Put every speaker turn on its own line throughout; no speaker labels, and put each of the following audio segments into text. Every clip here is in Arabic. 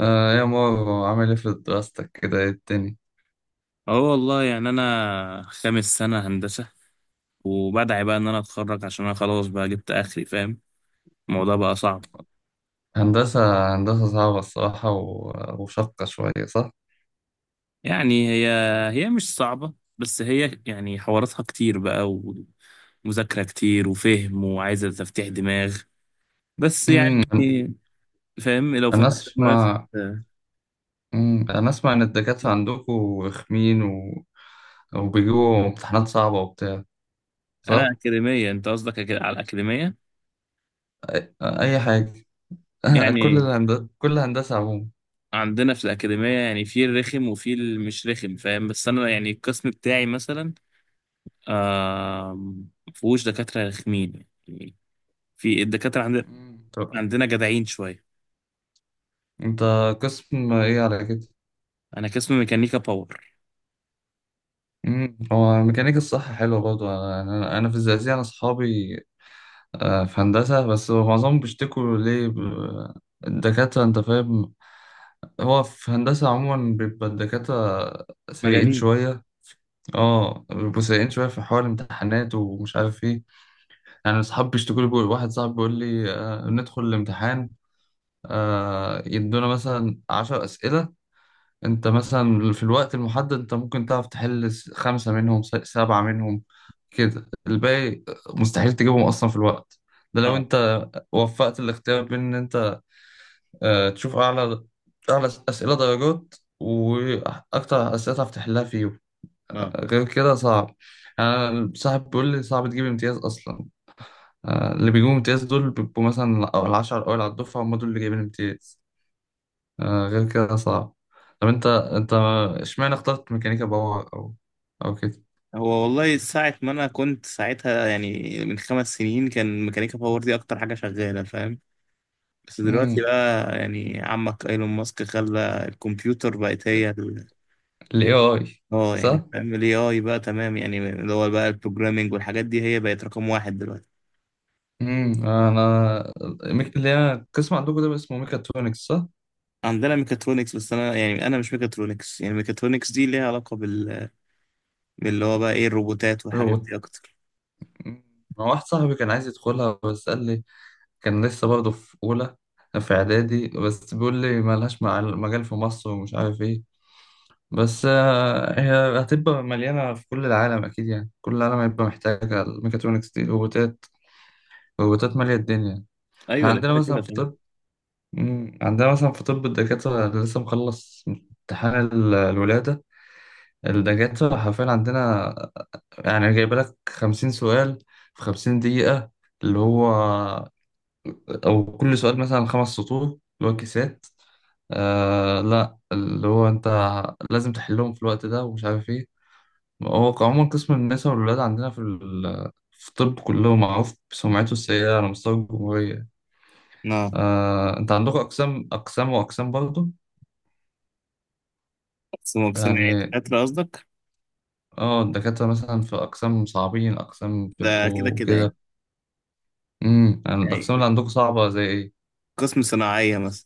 آه يا مارو، عامل ايه في دراستك؟ كده ايه الدنيا؟
اه والله يعني انا خامس سنة هندسة. وبدعي بقى ان انا اتخرج عشان انا خلاص بقى جبت اخري. فاهم الموضوع بقى صعب.
هندسة هندسة صعبة الصراحة وشاقة شوية، صح؟
يعني هي مش صعبة، بس هي يعني حواراتها كتير بقى، ومذاكرة كتير وفهم وعايزة تفتيح دماغ. بس
مم.
يعني فاهم لو
أنا
فتحت دماغك.
أسمع. مم. أنا أسمع إن الدكاترة عندكوا رخمين، و... وبيجيبوا امتحانات صعبة وبتاع،
انا
صح؟
اكاديمية انت قصدك، على الاكاديمية.
أي حاجة. كل
يعني
الهندسة، كل هندسة عموما.
عندنا في الاكاديمية يعني في الرخم وفي المش رخم فاهم، بس انا يعني القسم بتاعي مثلا مفهوش دكاترة رخمين يعني. في الدكاترة عندنا،
مم. طب
عندنا جدعين شوية.
أنت قسم إيه على كده؟
أنا قسم ميكانيكا باور.
مم. هو الميكانيكا الصح حلوة برضه. أنا في الزقازيق، أنا أصحابي آه، في هندسة، بس هو معظمهم بيشتكوا ليه الدكاترة، أنت فاهم. هو في هندسة عموما بيبقى الدكاترة سيئين
مجانين.
شوية. اه بيبقوا سيئين شوية في حوار الامتحانات ومش عارف ايه. يعني أصحابي بيشتكوا لي، واحد صاحبي بيقول لي آه، ندخل الامتحان، آه، يدونا مثلا 10 أسئلة. أنت مثلا في الوقت المحدد أنت ممكن تعرف تحل خمسة منهم، سبعة منهم. كده الباقي مستحيل تجيبهم أصلا في الوقت. ده لو
اه،
أنت وفقت الاختيار بين ان انت آه، تشوف أعلى أعلى أسئلة درجات وأكتر أسئلة تعرف تحلها فيهم.
اه.
غير كده صعب. يعني أنا صاحب بيقول لي صعب تجيب امتياز أصلا. آه، اللي بيجيبوا امتياز دول بيبقوا مثلا أو العشرة الأوائل على الدفعة، هم دول اللي جايبين امتياز. آه، غير كده صعب. طب أنت، أنت إشمعنى اخترت ميكانيكا باور، أو كده؟
هو والله ساعة ما أنا كنت ساعتها يعني من 5 سنين كان ميكانيكا باور دي أكتر حاجة شغالة فاهم. بس دلوقتي
امم،
بقى يعني عمك ايلون ماسك خلى الكمبيوتر بقت هي
ال AI،
اه يعني
صح؟
فاهم الاي اي بقى تمام. يعني اللي هو بقى البروجرامينج والحاجات دي هي بقت رقم واحد دلوقتي.
امم. أنا اللي هي القسم عندكم ده اسمه ميكاترونكس، صح؟
عندنا ميكاترونكس، بس انا يعني انا مش ميكاترونكس. يعني ميكاترونكس دي ليها علاقه باللي هو بقى ايه الروبوتات والحاجات دي اكتر.
ما واحد صاحبي كان عايز يدخلها، بس قال لي كان لسه برضه في أولى، في إعدادي، بس بيقول لي مالهاش مجال في مصر ومش عارف إيه. بس آه، هي هتبقى مليانة في كل العالم أكيد، يعني كل العالم هيبقى محتاجة الميكاترونكس دي. روبوتات، روبوتات مالية الدنيا. إحنا
ايوه ده
عندنا
كده كده
مثلا في
طبعا.
طب، مم، عندنا مثلا في طب الدكاترة اللي لسه مخلص امتحان الولادة، الدكاترة حرفيا عندنا، يعني جايبة لك 50 سؤال في 50 دقيقة، اللي هو او كل سؤال مثلا 5 سطور، اللي هو كيسات. آه لا، اللي هو انت لازم تحلهم في الوقت ده ومش عارف ايه. هو عموما قسم النساء والولاد عندنا في في الطب كله معروف بسمعته السيئة على مستوى الجمهورية.
اه
آه انت عندك اقسام، اقسام واقسام برضه.
بس مقسم يعني
يعني
دكاتره قصدك.
اه الدكاترة مثلا في اقسام صعبين، اقسام
ده كده
بيبقوا
كده يعني.
كده. امم، يعني
يعني
الاقسام اللي عندكم صعبة زي ايه؟
قسم صناعيه مثلا.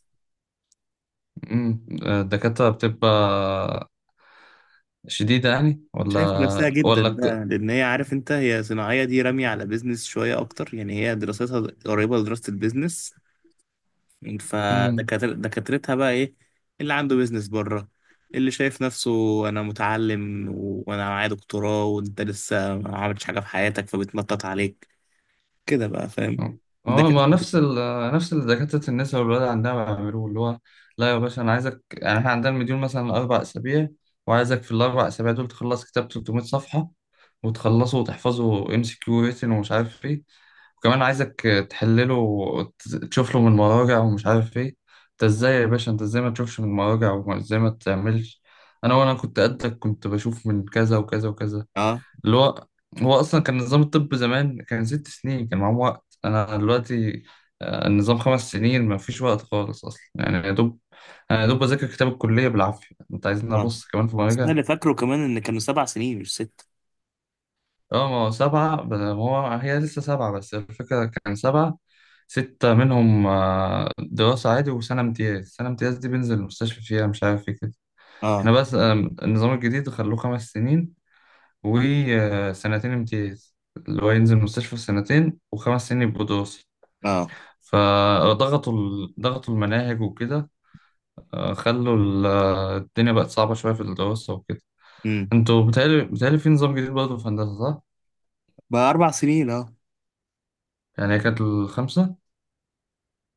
امم، الدكاترة بتبقى شديدة يعني
شايفه نفسها
ولا
جدا
ولا
بقى، لان هي عارف انت، هي صناعيه دي راميه على بيزنس شويه اكتر، يعني هي دراستها قريبه لدراسه البيزنس.
امم،
دكاترتها بقى ايه اللي عنده بيزنس بره، اللي شايف نفسه انا متعلم و- وانا معايا دكتوراه، وانت لسه ما عملتش حاجه في حياتك فبتنطط عليك كده بقى فاهم.
اه
دكاتره.
ما نفس ال نفس اللي دكاترة النساء والولاد عندنا بيعملوه، اللي هو لا يا باشا انا عايزك. يعني احنا عندنا المديول مثلا 4 اسابيع، وعايزك في ال4 اسابيع دول تخلص كتاب 300 صفحة، وتخلصه وتحفظه ام سي كيو ريتن ومش عارف ايه. وكمان عايزك تحلله وتشوف له من المراجع ومش عارف ايه. انت ازاي يا باشا، انت ازاي ما تشوفش من المراجع وازاي ما تعملش؟ انا وانا كنت قدك كنت بشوف من كذا وكذا وكذا،
اه،
اللي هو، هو اصلا كان نظام الطب زمان كان 6 سنين، كان معاهم وقت. انا دلوقتي آه، النظام 5 سنين، ما فيش وقت خالص اصلا، يعني يا دوب. انا يا دوب بذاكر كتاب الكليه بالعافيه، انت عايزين
اه.
ابص كمان في
بس انا
مراجعه.
اللي فاكره كمان ان كانوا 7 سنين مش 6.
اه ما هو سبعه هو هي لسه سبعه، بس الفكره كان سبعه، ستة منهم آه، دراسة عادي، وسنة امتياز. سنة امتياز دي بنزل المستشفى فيها مش عارف ايه كده. احنا
اه.
بس آم، النظام الجديد خلوه 5 سنين وسنتين امتياز، اللي هو ينزل مستشفى سنتين وخمس سنين يبقوا دراسي.
اه.
فضغطوا ضغطوا المناهج وكده، آه، خلوا الدنيا بقت صعبة شوية في الدراسة وكده.
امم
انتوا بتهيألي في نظام جديد برضه في هندسة، صح؟
بقى 4 سنين اه.
يعني هي كانت الخمسة.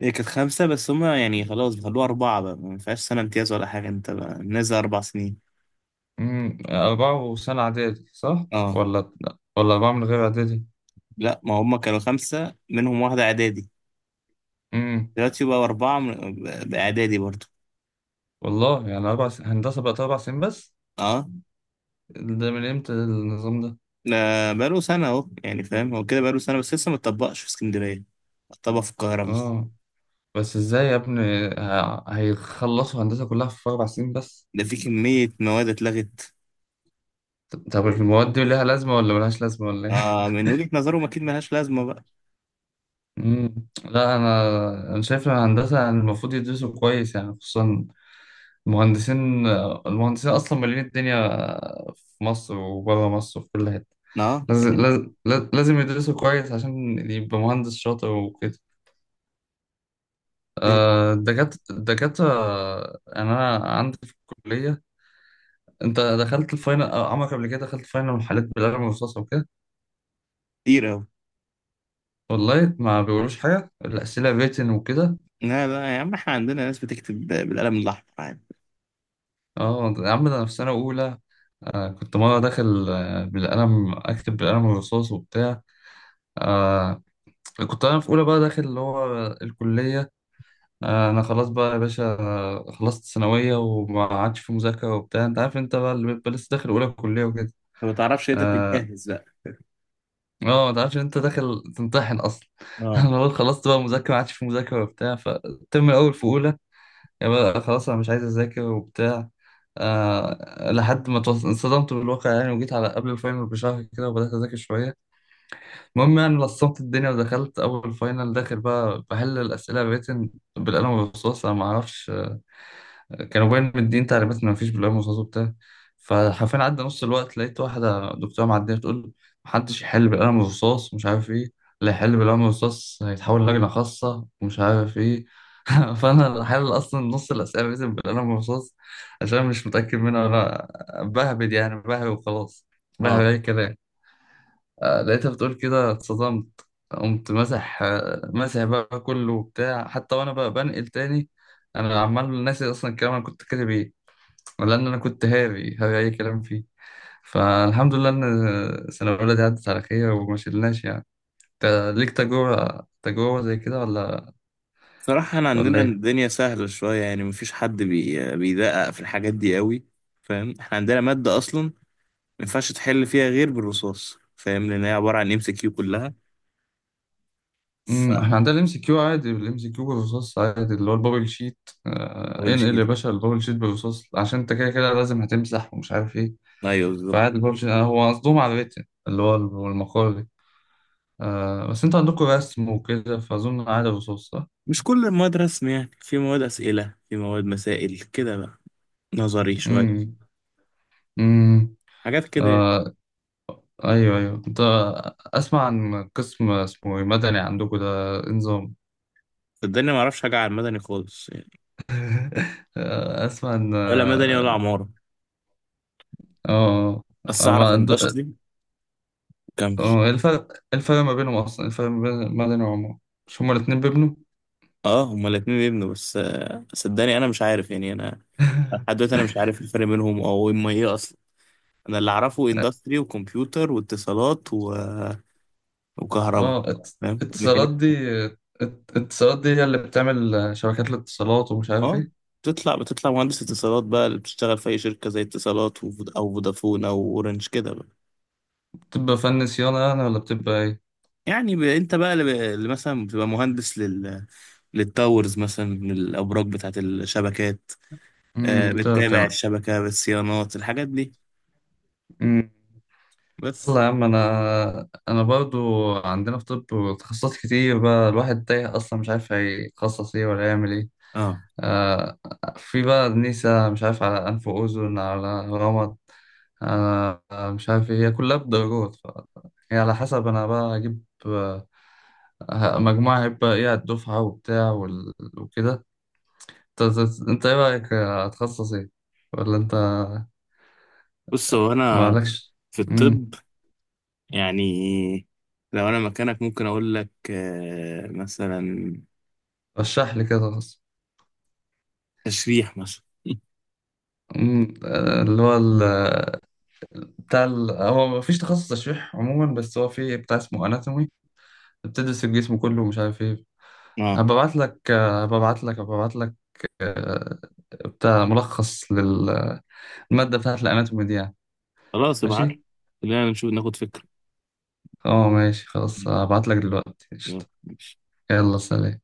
هي كانت 5 بس هما يعني خلاص بيخلوها 4 بقى، ما فيهاش سنه امتياز ولا حاجه، انت بقى نازل 4 سنين.
امم، أربعة وسنة إعدادي، صح؟
اه.
ولا ولا أربعة من غير إعدادي؟
لا، ما هما كانوا 5 منهم واحده اعدادي.
امم،
دلوقتي بقى 4 بإعدادي برضه.
والله يعني أربع س... هندسة بقت 4 سنين بس؟
اه.
ده من إمتى النظام ده؟
ده بقاله سنة أهو يعني فاهم. هو كده بقاله سنة بس لسه متطبقش في اسكندرية، اتطبق في القاهرة بس.
اه بس ازاي يا ابني هيخلصوا هندسة كلها في 4 سنين بس؟
ده في كمية مواد اتلغت.
طب المواد دي ليها لازمة، ولا ملهاش لازمة، ولا ايه؟
آه، من وجهة نظرهم أكيد ملهاش لازمة بقى.
مم. لا أنا شايف إن الهندسة، يعني المفروض يدرسوا كويس يعني خصوصا المهندسين. المهندسين أصلا مالين الدنيا في مصر وبره مصر وفي كل حتة.
اه
لازم، لازم، لازم يدرسوا كويس عشان يبقى مهندس شاطر وكده.
يعني.
آه، الدكاترة أنا عندي في الكلية. انت دخلت الفاينل أو عمرك قبل كده دخلت فاينل محلات بالقلم الرصاص وكده؟
كتير أوي.
والله ما بيقولوش حاجه، الاسئله ريتن وكده.
لا، لا يا عم، احنا عندنا ناس بتكتب بالقلم الأحمر عادي.
اه يا عم ده انا في سنه اولى آه كنت مره داخل آه بالقلم، اكتب بالقلم الرصاص وبتاع. آه كنت انا في اولى بقى داخل اللي هو الكليه، آه انا خلاص بقى يا باشا آه، خلصت ثانويه وما عادش في مذاكره وبتاع. انت عارف انت بقى اللي بيبقى لسه داخل اولى كليه وكده،
ما بتعرفش انت
آه،
تتجهز بقى.
اه ما تعرفش إن انت داخل تمتحن اصلا.
اه.
انا بقول خلصت بقى مذاكره، ما عادش في مذاكره وبتاع، فالترم الاول في اولى يعني بقى خلاص انا مش عايز اذاكر وبتاع. آه لحد ما انصدمت بالواقع يعني، وجيت على قبل الفاينل بشهر كده وبدات اذاكر شويه. المهم يعني لصمت الدنيا ودخلت اول فاينل، داخل بقى بحل الاسئله الريتن بالقلم والرصاص، انا ما اعرفش كانوا باين مدين تعليمات ان مفيش بلاوي مصاص وبتاع. فحرفيا عدى نص الوقت لقيت واحده دكتوره معديه بتقول محدش يحل بالقلم الرصاص مش عارف ايه، اللي يحل بالقلم الرصاص هيتحول لجنه خاصه ومش عارف ايه. فانا اللي حل اصلا نص الاسئله لازم بالقلم الرصاص عشان مش متاكد منها، ولا بهبد يعني، بهبد وخلاص، بهبد
اه.
اي كلام. آه، لقيتها بتقول كده اتصدمت، قمت مسح آه، مسح بقى كله وبتاع، حتى وانا بقى بنقل تاني انا عمال ناسي اصلا الكلام انا كنت كاتب ايه، لأن أنا كنت هاوي هاوي أي كلام فيه. فالحمد لله إن سنة أولى دي عدت على خير وما شلناش يعني. أنت ليك تجربة زي كده ولا
صراحة احنا
ولا
عندنا
إيه؟
الدنيا سهلة شوية يعني، مفيش حد بيدقق في الحاجات دي قوي. فاهم احنا عندنا مادة أصلا ما ينفعش تحل فيها غير بالرصاص، فاهم لان هي عباره عن MCQ كلها.
امم، احنا عندنا الام سي كيو عادي، الام سي كيو بالرصاص عادي، اللي هو البابل شيت. آه،
فدبل
انقل يا
شيت.
باشا البابل شيت بالرصاص عشان انت كده كده لازم هتمسح ومش عارف ايه.
ايوه بالظبط.
فعادي البابل شيت. آه، هو قصدهم على الريتن اللي هو المقالي. آه، بس انتوا عندكم رسم وكده فاظن عادي الرصاص، صح؟
مش كل المواد رسم، يعني في مواد اسئله، في مواد مسائل كده بقى. نظري شويه.
امم. امم.
حاجات كده يعني.
ايوه، ايوه انت، اسمع عن قسم اسمه إيه؟ مدني عندكم ده، إيه نظام؟
صدقني ما اعرفش حاجه عن مدني خالص يعني.
آه، اسمع ان
ولا مدني ولا
اه،
عماره.
آه، آه.
بس
أنا
اعرف اندستري. كمل.
آه، إيه الفرق، إيه الفرق ما بينهم اصلا، إيه الفرق ما بين مدني وعمارة؟ مش هما الاتنين بيبنوا؟
اه، هما الاتنين يبنوا بس صدقني انا مش عارف يعني انا. لحد دلوقتي انا مش عارف الفرق بينهم او اما ايه اصلا. انا اللي اعرفه اندستري وكمبيوتر واتصالات و... وكهرباء.
اه
فاهم
اتصالات
ميكانيكا.
دي، اتصالات دي هي اللي بتعمل شبكات الاتصالات ومش عارف
اه.
ايه.
بتطلع مهندس اتصالات بقى اللي بتشتغل في اي شركه زي اتصالات او فودافون او اورنج كده بقى.
بتبقى فن صيانة يعني ولا بتبقى ايه؟
يعني انت بقى اللي، اللي مثلا بتبقى مهندس للتاورز مثلا، للابراج بتاعه الشبكات.
امم، انت
بتتابع
اللي
الشبكه بالصيانات الحاجات دي
بتعمل.
بس.
يلا يا عم، انا برضو عندنا في طب تخصصات كتير بقى، الواحد تايه اصلا مش عارف هيتخصص ايه ولا يعمل ايه.
اه.
آه في بقى نيسة، مش عارف على انف واذن، على رمد، آه مش عارف ايه، هي كلها بدرجات، ف... يعني على حسب انا بقى هجيب آه، مجموعة هيبقى ايه على الدفعة وبتاع وال... وكده. انت ايه رأيك آه، هتخصص ايه، ولا انت
بص هو انا
مالكش؟
في
مم.
الطب يعني لو انا مكانك ممكن اقول لك مثلا
رشح لي كده.
تشريح مثلا.
أمم، آه، اللي هو بتاع ال... هو مفيش تخصص تشريح عموما، بس هو في بتاع اسمه اناتومي، بتدرس الجسم كله ومش عارف ايه.
اه
هبعت لك آه، بتاع ملخص للمادة بتاعت الاناتومي دي يعني.
خلاص ابعت لي،
ماشي.
خلينا نشوف ناخد فكره.
اه ماشي خلاص،
ماشي،
هبعت لك دلوقتي،
يلا
قشطة.
ماشي.
يلا سلام.